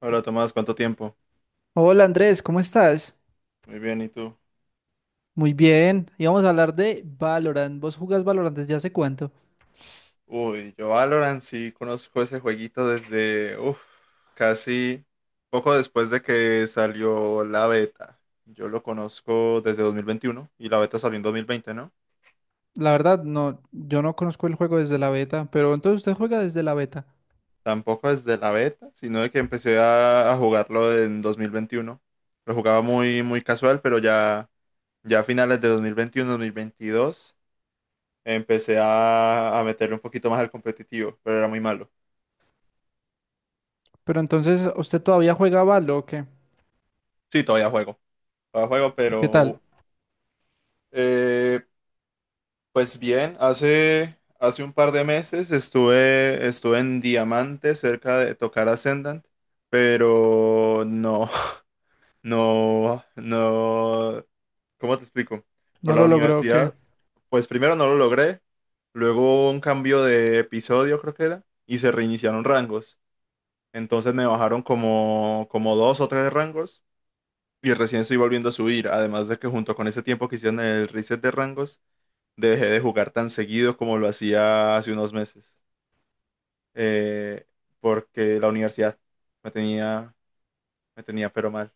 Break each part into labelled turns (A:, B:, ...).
A: Hola Tomás, ¿cuánto tiempo?
B: Hola Andrés, ¿cómo estás?
A: Muy bien, ¿y tú?
B: Muy bien, íbamos a hablar de Valorant. ¿Vos jugás Valorant desde hace cuánto?
A: Uy, yo Valorant sí conozco ese jueguito desde, uff, casi poco después de que salió la beta. Yo lo conozco desde 2021 y la beta salió en 2020, ¿no?
B: La verdad, no, yo no conozco el juego desde la beta, pero entonces usted juega desde la beta.
A: Tampoco desde la beta, sino de que empecé a jugarlo en 2021. Lo jugaba muy, muy casual, pero ya a finales de 2021, 2022, empecé a meterle un poquito más al competitivo, pero era muy malo.
B: Pero entonces, ¿usted todavía juega Valo o qué?
A: Sí, todavía juego. Todavía juego,
B: ¿Y qué tal?
A: pero... Eh, pues bien, hace un par de meses estuve en Diamante cerca de tocar Ascendant, pero no, no, no, ¿cómo te explico?
B: ¿No
A: Por la
B: lo logró o qué?
A: universidad, pues primero no lo logré, luego un cambio de episodio creo que era, y se reiniciaron rangos. Entonces me bajaron como dos o tres rangos y recién estoy volviendo a subir, además de que junto con ese tiempo que hicieron el reset de rangos dejé de jugar tan seguido como lo hacía hace unos meses, eh, porque la universidad me tenía, me tenía pero mal,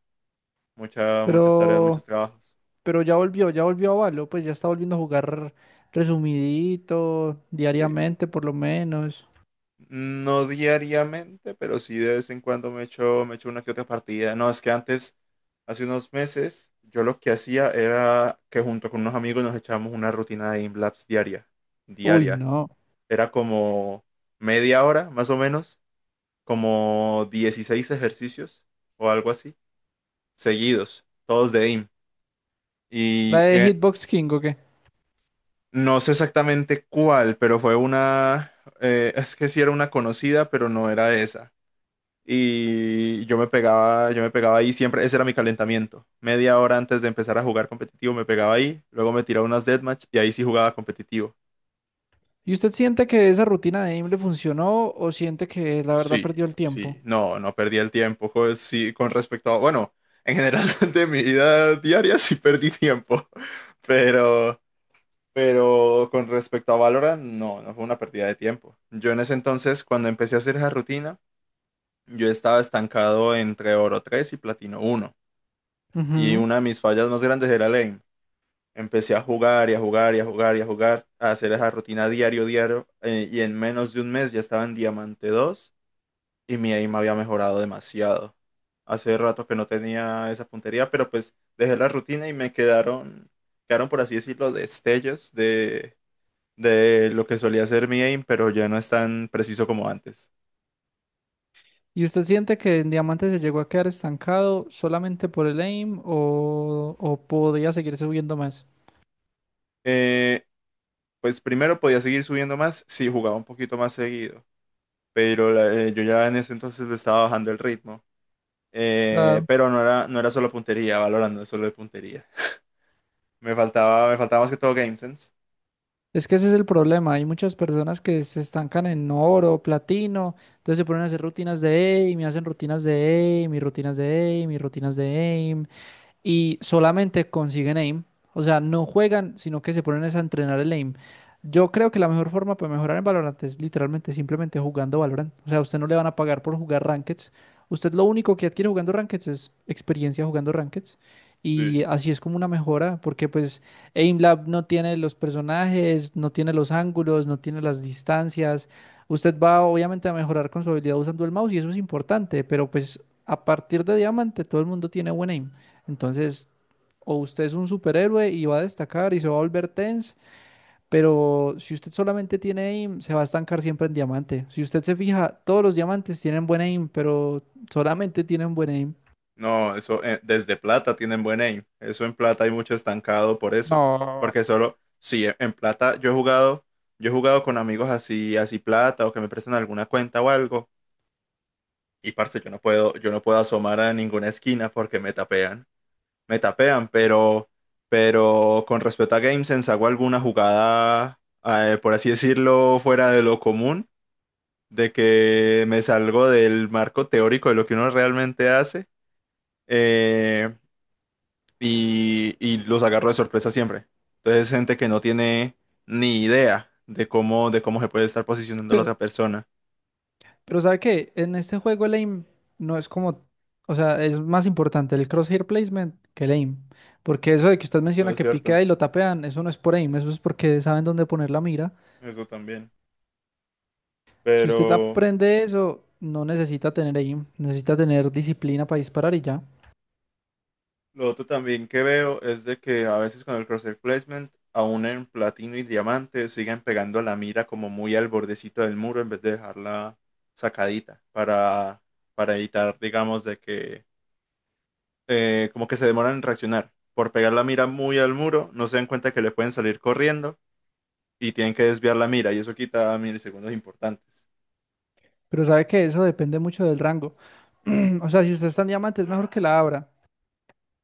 A: muchas, muchas tareas, muchos
B: Pero,
A: trabajos.
B: pero ya volvió a Valo, pues ya está volviendo a jugar resumidito,
A: Sí.
B: diariamente por lo menos.
A: No diariamente, pero sí de vez en cuando me echo una que otra partida. No, es que antes, hace unos meses, yo lo que hacía era que junto con unos amigos nos echábamos una rutina de Imlabs diaria,
B: Uy,
A: diaria.
B: no.
A: Era como media hora, más o menos, como 16 ejercicios o algo así, seguidos, todos de AIM.
B: ¿La
A: Y
B: de Hitbox King o qué?
A: no sé exactamente cuál, pero fue una, es que sí era una conocida, pero no era esa. Y yo me pegaba ahí siempre, ese era mi calentamiento. Media hora antes de empezar a jugar competitivo me pegaba ahí, luego me tiraba unas deathmatch y ahí sí jugaba competitivo.
B: ¿Y usted siente que esa rutina de aim le funcionó o siente que la verdad
A: Sí,
B: perdió el tiempo?
A: sí, no, no perdí el tiempo, sí, con respecto a, bueno, en general de mi vida diaria sí perdí tiempo, pero... Pero con respecto a Valorant, no, no fue una pérdida de tiempo. Yo en ese entonces, cuando empecé a hacer esa rutina, yo estaba estancado entre Oro 3 y Platino uno. Y
B: Ujú.
A: una de mis fallas más grandes era el aim. Empecé a jugar y a jugar y a jugar y a jugar, a hacer esa rutina diario, diario. Y en menos de un mes ya estaba en Diamante 2 y mi aim había mejorado demasiado. Hace rato que no tenía esa puntería, pero pues dejé la rutina y quedaron, por así decirlo, destellos de lo que solía ser mi aim, pero ya no es tan preciso como antes.
B: ¿Y usted siente que en Diamante se llegó a quedar estancado solamente por el aim o podía seguir subiendo más?
A: Eh, pues primero podía seguir subiendo más si jugaba un poquito más seguido, pero yo ya en ese entonces le estaba bajando el ritmo.
B: Claro.
A: Pero no era solo puntería, valorando no es solo de puntería. Me faltaba más que todo game sense.
B: Es que ese es el problema. Hay muchas personas que se estancan en oro, platino, entonces se ponen a hacer rutinas de aim y hacen rutinas de aim y rutinas de aim y rutinas de aim y solamente consiguen aim. O sea, no juegan, sino que se ponen es a entrenar el aim. Yo creo que la mejor forma para mejorar en Valorant es literalmente simplemente jugando Valorant. O sea, a usted no le van a pagar por jugar Rankeds. Usted lo único que adquiere jugando Rankeds es experiencia jugando Rankeds. Y
A: Sí.
B: así es como una mejora, porque pues AimLab no tiene los personajes, no tiene los ángulos, no tiene las distancias. Usted va obviamente a mejorar con su habilidad usando el mouse y eso es importante, pero pues a partir de diamante todo el mundo tiene buen aim. Entonces, o usted es un superhéroe y va a destacar y se va a volver tense, pero si usted solamente tiene aim, se va a estancar siempre en diamante. Si usted se fija, todos los diamantes tienen buen aim, pero solamente tienen buen aim.
A: No, eso, desde plata tienen buen aim. Eso en plata hay mucho estancado por eso.
B: No.
A: Porque solo, sí, en plata yo he jugado con amigos así, así plata o que me prestan alguna cuenta o algo. Y parce, yo no puedo asomar a ninguna esquina porque me tapean. Me tapean, pero con respecto a GameSense, ¿hago alguna jugada, por así decirlo, fuera de lo común? De que me salgo del marco teórico de lo que uno realmente hace, eh, y los agarro de sorpresa siempre. Entonces, gente que no tiene ni idea de cómo se puede estar posicionando la otra persona.
B: Pero ¿sabe qué? En este juego el aim no es como, o sea, es más importante el crosshair placement que el aim. Porque eso de que usted
A: No
B: menciona
A: es
B: que
A: cierto,
B: piquea y lo tapean, eso no es por aim, eso es porque saben dónde poner la mira.
A: eso también.
B: Si usted
A: Pero...
B: aprende eso, no necesita tener aim, necesita tener disciplina para disparar y ya.
A: Lo otro también que veo es de que a veces con el crosshair placement, aún en platino y diamante, siguen pegando la mira como muy al bordecito del muro en vez de dejarla sacadita para evitar, digamos, de que, como que se demoran en reaccionar. Por pegar la mira muy al muro, no se dan cuenta que le pueden salir corriendo y tienen que desviar la mira y eso quita milisegundos importantes.
B: Pero sabe que eso depende mucho del rango. O sea, si usted está en diamante es mejor que la abra.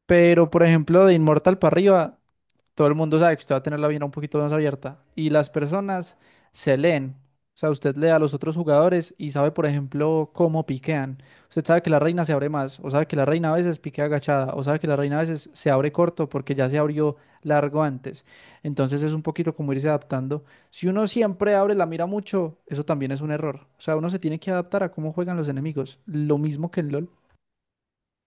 B: Pero, por ejemplo, de inmortal para arriba, todo el mundo sabe que usted va a tener la vena un poquito más abierta y las personas se leen. O sea, usted lee a los otros jugadores y sabe, por ejemplo, cómo piquean. Usted sabe que la reina se abre más, o sabe que la reina a veces piquea agachada, o sabe que la reina a veces se abre corto porque ya se abrió largo antes. Entonces es un poquito como irse adaptando. Si uno siempre abre la mira mucho, eso también es un error. O sea, uno se tiene que adaptar a cómo juegan los enemigos. Lo mismo que en LOL.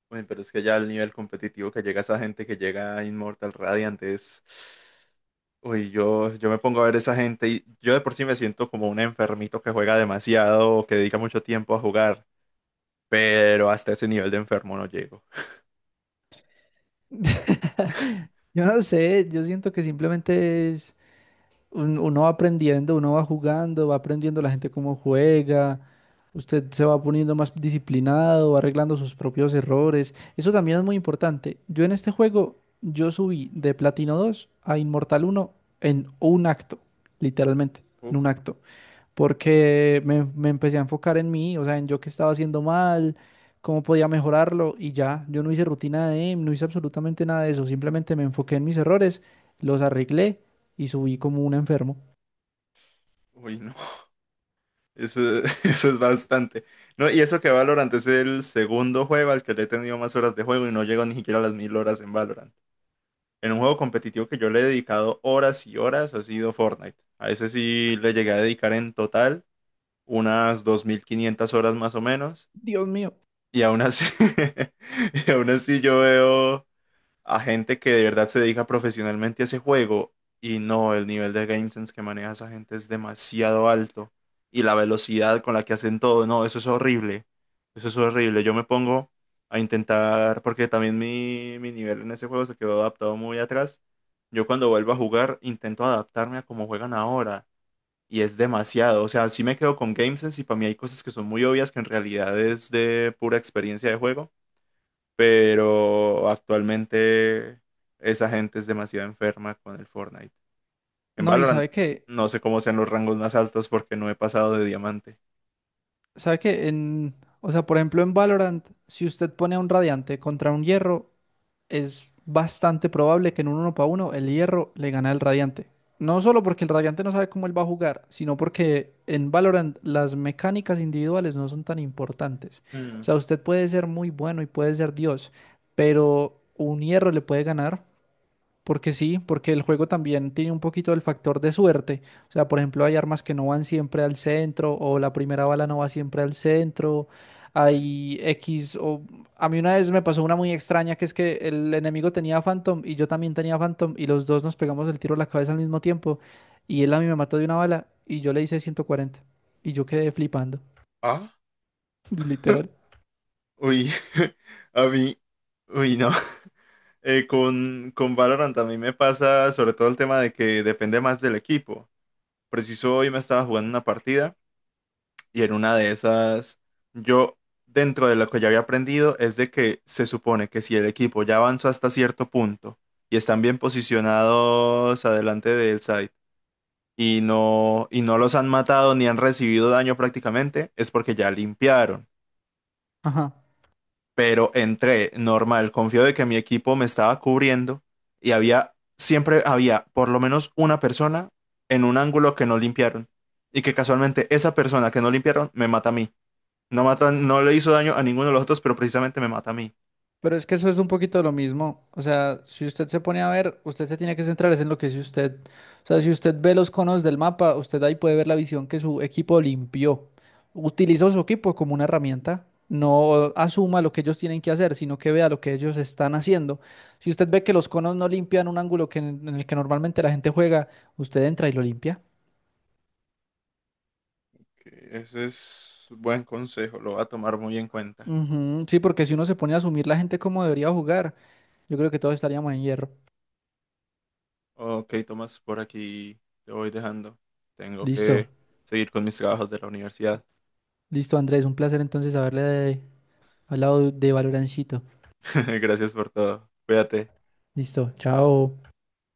A: Uy, pero es que ya el nivel competitivo que llega esa gente que llega a Immortal Radiant es... Uy, yo me pongo a ver esa gente y yo de por sí me siento como un enfermito que juega demasiado o que dedica mucho tiempo a jugar, pero hasta ese nivel de enfermo no llego.
B: Yo no sé, yo siento que simplemente es uno va aprendiendo, uno va jugando, va aprendiendo la gente cómo juega, usted se va poniendo más disciplinado, va arreglando sus propios errores. Eso también es muy importante. Yo en este juego, yo subí de Platino 2 a Inmortal uno en un acto, literalmente, en
A: Uf,
B: un acto porque me empecé a enfocar en mí, o sea, en yo qué estaba haciendo mal, cómo podía mejorarlo y ya, yo no hice rutina de aim, no hice absolutamente nada de eso, simplemente me enfoqué en mis errores, los arreglé y subí como un enfermo.
A: uy, no, eso, eso es bastante. No, y eso que Valorant es el segundo juego al que le he tenido más horas de juego y no llego ni siquiera a las 1000 horas en Valorant. En un juego competitivo que yo le he dedicado horas y horas ha sido Fortnite. A ese sí le llegué a dedicar en total unas 2500 horas más o menos.
B: Dios mío.
A: Y aún así, y aún así yo veo a gente que de verdad se dedica profesionalmente a ese juego y no, el nivel de game sense que maneja esa gente es demasiado alto y la velocidad con la que hacen todo, no, eso es horrible, eso es horrible. Yo me pongo a intentar, porque también mi nivel en ese juego se quedó adaptado muy atrás. Yo cuando vuelvo a jugar intento adaptarme a cómo juegan ahora y es demasiado. O sea, sí me quedo con GameSense y para mí hay cosas que son muy obvias que en realidad es de pura experiencia de juego. Pero actualmente esa gente es demasiado enferma con el Fortnite. En
B: No, y
A: Valorant no sé cómo sean los rangos más altos porque no he pasado de diamante.
B: sabe que en, o sea, por ejemplo en Valorant, si usted pone a un radiante contra un hierro, es bastante probable que en un uno para uno el Hierro le gane al Radiante. No solo porque el Radiante no sabe cómo él va a jugar, sino porque en Valorant las mecánicas individuales no son tan importantes.
A: Mm,
B: O sea, usted puede ser muy bueno y puede ser Dios, pero un Hierro le puede ganar porque sí, porque el juego también tiene un poquito del factor de suerte. O sea, por ejemplo, hay armas que no van siempre al centro o la primera bala no va siempre al centro.
A: sí.
B: Hay X o... A mí una vez me pasó una muy extraña que es que el enemigo tenía Phantom y yo también tenía Phantom y los dos nos pegamos el tiro a la cabeza al mismo tiempo y él a mí me mató de una bala y yo le hice 140 y yo quedé flipando,
A: Ah,
B: literal.
A: uy, a mí, uy, no. Con Valorant a mí me pasa sobre todo el tema de que depende más del equipo. Preciso hoy me estaba jugando una partida. Y en una de esas, yo, dentro de lo que ya había aprendido, es de que se supone que si el equipo ya avanzó hasta cierto punto y están bien posicionados adelante del site y no los han matado ni han recibido daño prácticamente, es porque ya limpiaron.
B: Ajá.
A: Pero entré normal, confío de que mi equipo me estaba cubriendo y había, siempre había por lo menos una persona en un ángulo que no limpiaron y que casualmente esa persona que no limpiaron me mata a mí. No mata, no le hizo daño a ninguno de los otros, pero precisamente me mata a mí.
B: Pero es que eso es un poquito lo mismo. O sea, si usted se pone a ver, usted se tiene que centrar es en lo que es usted. O sea, si usted ve los conos del mapa, usted ahí puede ver la visión que su equipo limpió. Utiliza su equipo como una herramienta. No asuma lo que ellos tienen que hacer, sino que vea lo que ellos están haciendo. Si usted ve que los conos no limpian un ángulo que en el que normalmente la gente juega, usted entra y lo limpia.
A: Ok, ese es buen consejo, lo voy a tomar muy en cuenta.
B: Ujú. Sí, porque si uno se pone a asumir la gente como debería jugar, yo creo que todos estaríamos en hierro.
A: Ok, Tomás, por aquí te voy dejando. Tengo
B: Listo,
A: que seguir con mis trabajos de la universidad.
B: listo, Andrés, un placer entonces haberle hablado de Valorancito.
A: Gracias por todo. Cuídate.
B: Listo, chao.